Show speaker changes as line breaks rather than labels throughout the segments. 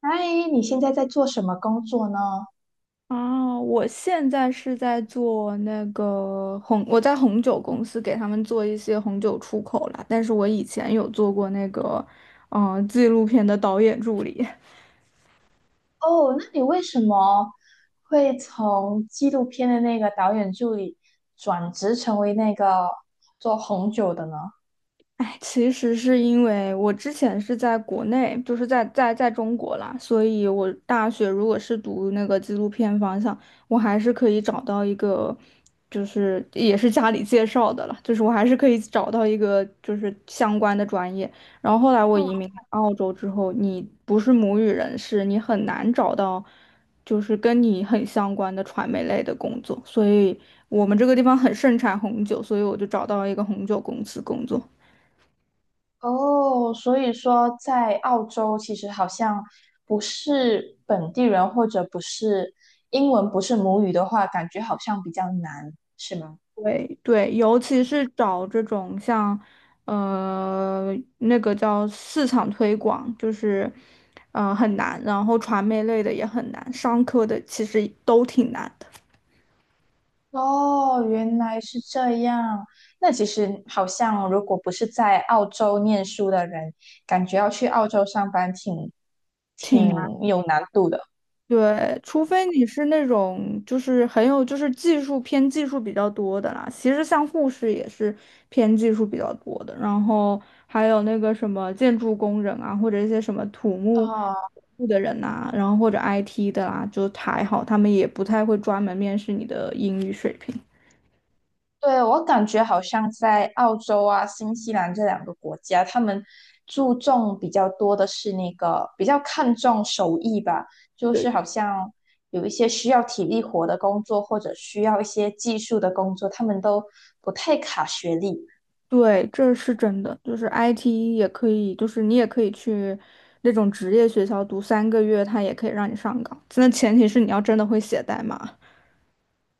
嗨，你现在在做什么工作呢？
哦，我现在是在做那个红，我在红酒公司给他们做一些红酒出口啦，但是我以前有做过那个，纪录片的导演助理。
哦，那你为什么会从纪录片的那个导演助理转职成为那个做红酒的呢？
哎，其实是因为我之前是在国内，就是在中国啦，所以我大学如果是读那个纪录片方向，我还是可以找到一个，就是也是家里介绍的了，就是我还是可以找到一个就是相关的专业。然后后来我
嗯，
移民澳洲之后，你不是母语人士，你很难找到就是跟你很相关的传媒类的工作，所以我们这个地方很盛产红酒，所以我就找到了一个红酒公司工作。
哦，所以说在澳洲其实好像不是本地人或者不是英文不是母语的话，感觉好像比较难，是吗？
对对，尤其是找这种像，呃，那个叫市场推广，就是，很难，然后传媒类的也很难，商科的其实都挺难的，
哦，原来是这样。那其实好像，如果不是在澳洲念书的人，感觉要去澳洲上班挺
挺难。
挺有难度的。
对，除非你是那种就是很有就是技术偏技术比较多的啦，其实像护士也是偏技术比较多的，然后还有那个什么建筑工人啊，或者一些什么土木
啊。
部的人呐、然后或者 IT 的啦、就还好，他们也不太会专门面试你的英语水平。
对，我感觉好像在澳洲啊、新西兰这两个国家，他们注重比较多的是那个比较看重手艺吧，就是好像有一些需要体力活的工作，或者需要一些技术的工作，他们都不太卡学历。
对，这是真的，就是 IT 也可以，就是你也可以去那种职业学校读3个月，他也可以让你上岗。那前提是你要真的会写代码。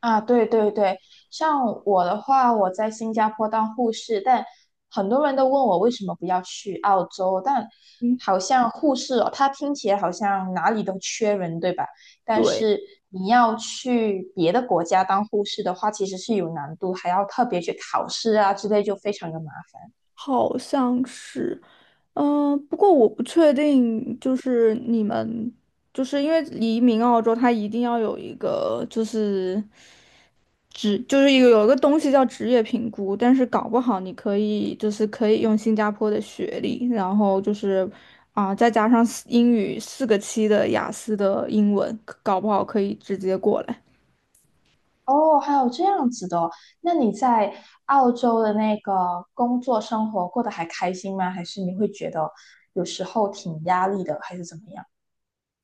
啊，对对对，像我的话，我在新加坡当护士，但很多人都问我为什么不要去澳洲，但
嗯，
好像护士哦，它听起来好像哪里都缺人，对吧？但
对，
是你要去别的国家当护士的话，其实是有难度，还要特别去考试啊之类，就非常的麻烦。
好像是，不过我不确定，就是你们，就是因为移民澳洲，它一定要有一个就是职就是有一个东西叫职业评估，但是搞不好你可以就是可以用新加坡的学历，然后就是啊、再加上四英语4个7的雅思的英文，搞不好可以直接过来。
哦，还有这样子的哦，那你在澳洲的那个工作生活过得还开心吗？还是你会觉得有时候挺压力的，还是怎么样？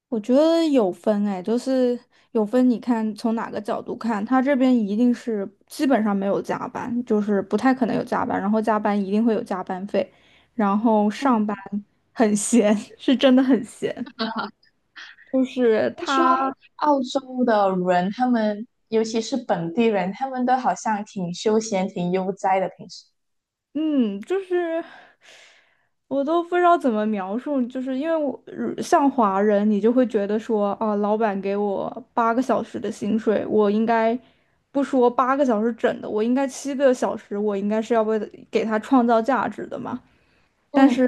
我觉得有分哎，就是有分，你看从哪个角度看，他这边一定是基本上没有加班，就是不太可能有加班，然后加班一定会有加班费，然后
嗯，
上班很闲，是真的很闲。就是
听说
他。
澳洲的人，他们尤其是本地人，他们都好像挺休闲、挺悠哉的，平时。
嗯，就是我都不知道怎么描述，就是因为我像华人，你就会觉得说啊，老板给我八个小时的薪水，我应该不说八个小时整的，我应该7个小时，我应该是要为了给他创造价值的嘛。但
嗯，
是，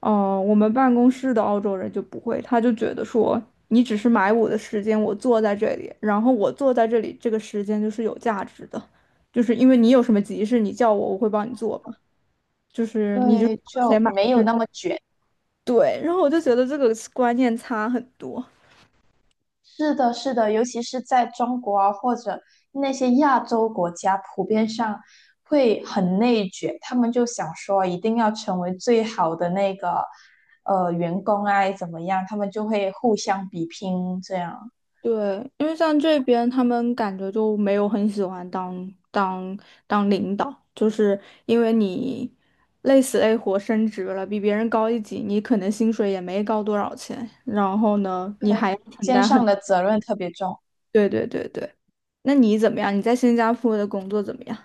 哦，我们办公室的澳洲人就不会，他就觉得说你只是买我的时间，我坐在这里，然后我坐在这里，这个时间就是有价值的，就是因为你有什么急事，你叫我，我会帮你做。就是你就是
对，
花
就
钱买
没有
是
那么卷。
对，然后我就觉得这个观念差很多。
是的，是的，尤其是在中国啊，或者那些亚洲国家，普遍上会很内卷，他们就想说一定要成为最好的那个员工啊，怎么样？他们就会互相比拼，这样
对，因为像这边他们感觉就没有很喜欢当领导，就是因为你累死累活升职了，比别人高一级，你可能薪水也没高多少钱，然后呢，你
对。
还要承
肩
担
上
很，
的责任特别重。
对对对对。那你怎么样？你在新加坡的工作怎么样？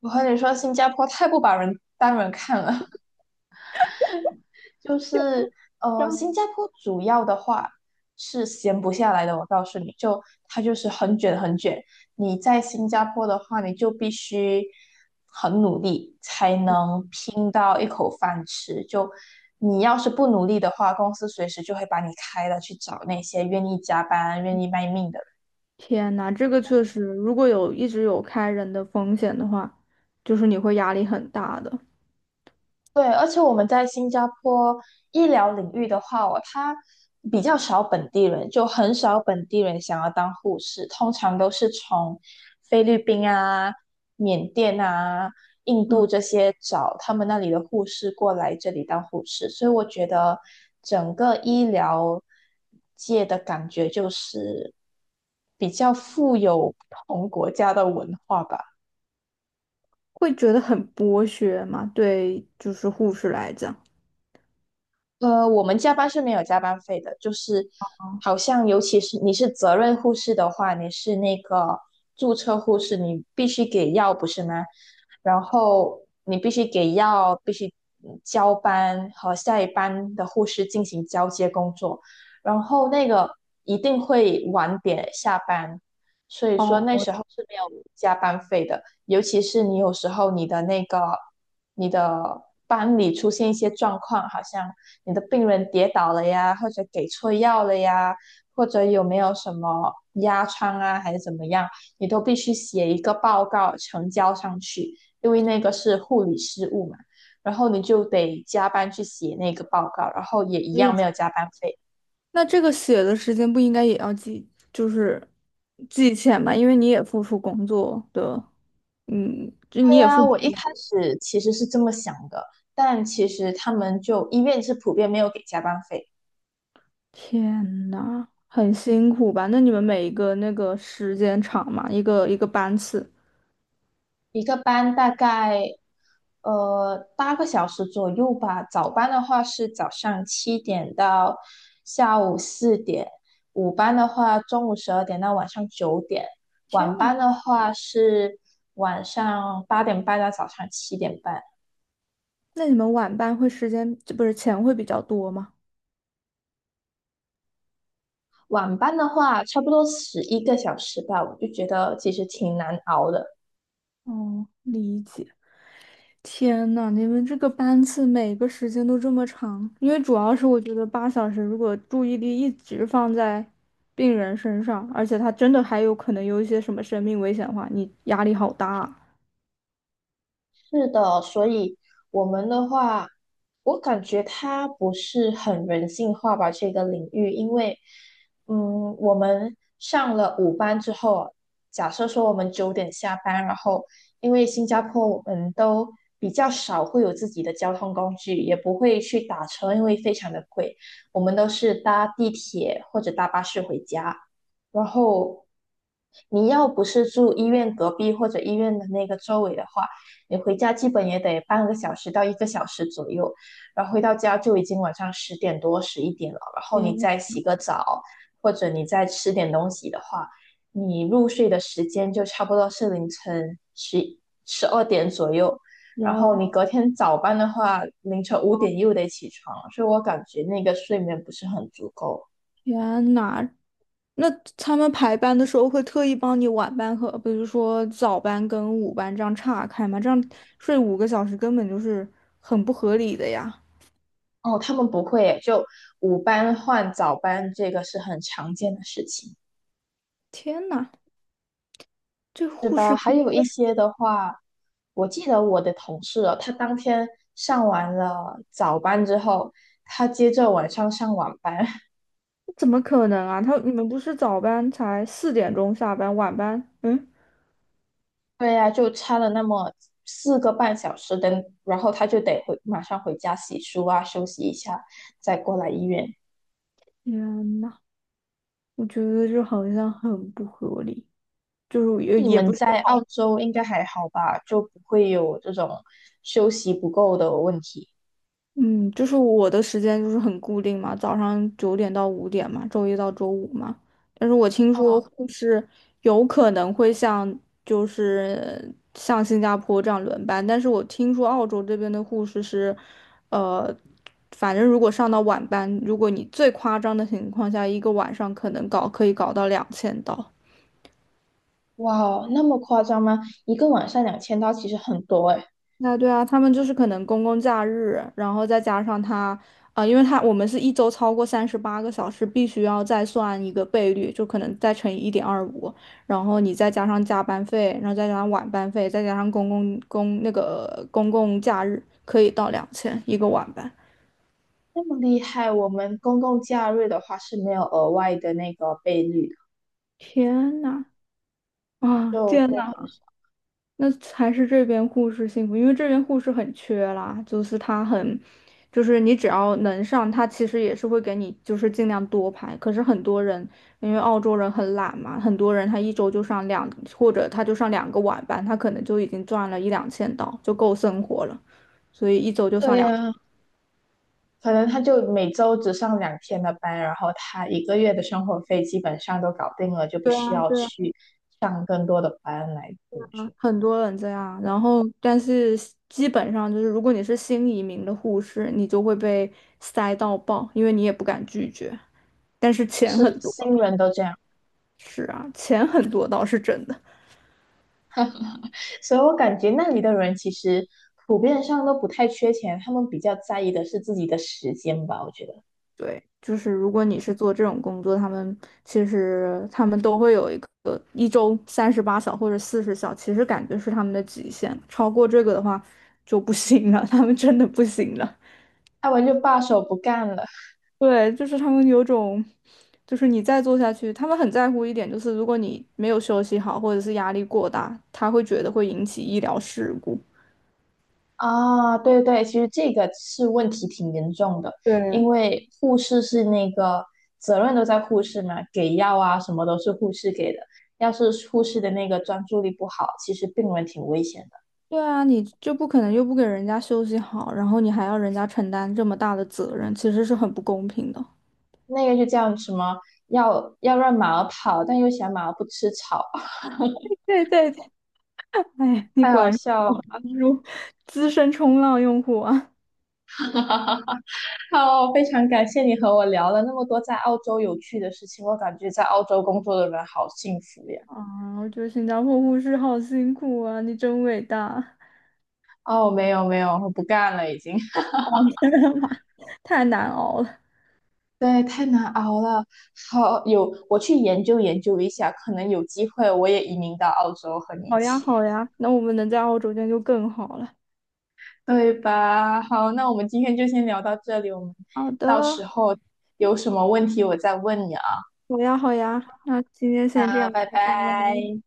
我和你说，新加坡太不把人当人看了。就是新加坡主要的话是闲不下来的。我告诉你就，它就是很卷很卷。你在新加坡的话，你就必须很努力才能拼到一口饭吃。就你要是不努力的话，公司随时就会把你开了，去找那些愿意加班、愿意卖命的。
天呐，这个确实，如果有一直有开人的风险的话，就是你会压力很大的，
对，而且我们在新加坡医疗领域的话哦，它比较少本地人，就很少本地人想要当护士，通常都是从菲律宾啊、缅甸啊、印度这些找他们那里的护士过来这里当护士，所以我觉得整个医疗界的感觉就是比较富有不同国家的文化吧。
会觉得很剥削嘛，对，就是护士来讲。
我们加班是没有加班费的，就是好像尤其是你是责任护士的话，你是那个注册护士，你必须给药，不是吗？然后你必须给药，必须交班和下一班的护士进行交接工作，然后那个一定会晚点下班，所以说
哦，
那时候是没有加班费的。尤其是你有时候你的班里出现一些状况，好像你的病人跌倒了呀，或者给错药了呀，或者有没有什么压疮啊，还是怎么样，你都必须写一个报告呈交上去，因为那个是护理失误嘛。然后你就得加班去写那个报告，然后也一
所以
样没有加班费。
那这个写的时间不应该也要记，就是记钱吧，因为你也付出工作的，嗯，就你
对
也
呀，
付出。
我一开始其实是这么想的，但其实他们就医院是普遍没有给加班费。
天呐，很辛苦吧？那你们每一个那个时间长嘛，一个一个班次。
一个班大概8个小时左右吧。早班的话是早上七点到下午4点，午班的话中午12点到晚上9点，
天
晚
呐，
班的话是晚上8点半到早上7点半。
那你们晚班会时间，不是钱会比较多吗？
晚班的话，差不多11个小时吧，我就觉得其实挺难熬的。
哦，理解。天呐，你们这个班次每个时间都这么长，因为主要是我觉得8小时如果注意力一直放在病人身上，而且他真的还有可能有一些什么生命危险的话，你压力好大啊。
是的，所以我们的话，我感觉它不是很人性化吧，这个领域，因为，嗯，我们上了五班之后，假设说我们九点下班，然后因为新加坡我们都比较少会有自己的交通工具，也不会去打车，因为非常的贵，我们都是搭地铁或者搭巴士回家。然后你要不是住医院隔壁或者医院的那个周围的话，你回家基本也得半个小时到一个小时左右，然后回到家就已经晚上10点多、11点了，然后你
天
再洗个澡，或者你再吃点东西的话，你入睡的时间就差不多是凌晨十二点左右。然后
呐，
你隔天早班的话，凌晨5点又得起床，所以我感觉那个睡眠不是很足够。
天呐，那他们排班的时候会特意帮你晚班和，比如说早班跟午班这样岔开吗？这样睡5个小时根本就是很不合理的呀！
哦，他们不会耶就午班换早班，这个是很常见的事情，
天呐，这
是
护
吧？
士。
还有一些的话，我记得我的同事哦，他当天上完了早班之后，他接着晚上上晚班，
怎么可能啊？他你们不是早班才4点钟下班，晚班？嗯，
对呀，就差了那么4个半小时，的，然后他就得回马上回家洗漱啊，休息一下，再过来医院。
天呐，我觉得这好像很不合理，就是也
你
也
们
不是。
在澳洲应该还好吧？就不会有这种休息不够的问题。
嗯，就是我的时间就是很固定嘛，早上9点到5点嘛，周一到周五嘛。但是我听说
哦。
护士有可能会像就是像新加坡这样轮班，但是我听说澳洲这边的护士是，呃，反正如果上到晚班，如果你最夸张的情况下，一个晚上可能搞可以搞到两千刀。
哇哦，那么夸张吗？一个晚上2000刀其实很多诶，
那对啊，他们就是可能公共假日，然后再加上他，因为他我们是一周超过38个小时，必须要再算一个倍率，就可能再乘以1.25，然后你再加上加班费，然后再加上晚班费，再加上公共公那个公共假日，可以到两千一个晚班。
那么厉害。我们公共假日的话是没有额外的那个倍率的，
天呐，啊，
就
天
就
呐，
很少。
那还是这边护士幸福，因为这边护士很缺啦，就是他很，就是你只要能上，他其实也是会给你就是尽量多排。可是很多人，因为澳洲人很懒嘛，很多人他一周就上两，或者他就上两个晚班，他可能就已经赚了1、2千刀，就够生活了，所以一周就上
对
两。
呀，可能他就每周只上2天的班，然后他一个月的生活费基本上都搞定了，就不
对
需
啊，
要
对啊，
去上更多的班来补助。
很多人这样。然后，但是基本上就是，如果你是新移民的护士，你就会被塞到爆，因为你也不敢拒绝。但是钱
是
很多，
新人都这样，
是啊，钱很多倒是真的。
所以我感觉那里的人其实普遍上都不太缺钱，他们比较在意的是自己的时间吧，我觉得。
对，就是如果你是做这种工作，他们其实他们都会有一个一周38小或者40小，其实感觉是他们的极限，超过这个的话就不行了，他们真的不行了。
他们就罢手不干了。
对，就是他们有种，就是你再做下去，他们很在乎一点，就是如果你没有休息好，或者是压力过大，他会觉得会引起医疗事故。
啊，对对，其实这个是问题挺严重的，因
对，
为护士是那个责任都在护士嘛，给药啊什么都是护士给的。要是护士的那个专注力不好，其实病人挺危险的。
对啊，你就不可能又不给人家休息好，然后你还要人家承担这么大的责任，其实是很不公平的。
那个就叫什么要让马儿跑，但又嫌马儿不吃草，
对对对，哎，你
太
果
好
然是
笑了。
资深冲浪用户啊！
好，非常感谢你和我聊了那么多在澳洲有趣的事情，我感觉在澳洲工作的人好幸福呀。
啊，我觉得新加坡护士好辛苦啊，你真伟大！
哦，没有没有，我不干了已经。
哦，真的吗？太难熬了。
对，太难熬了。好，有，我去研究研究一下，可能有机会我也移民到澳洲和你一
好呀，
起，
好呀，那我们能在澳洲见就更好了。
对吧？好，那我们今天就先聊到这里，我们
好
到
的，
时候有什么问题我再问你啊。
好呀，好呀，那今天先这
啊，
样，
拜
拜拜。
拜。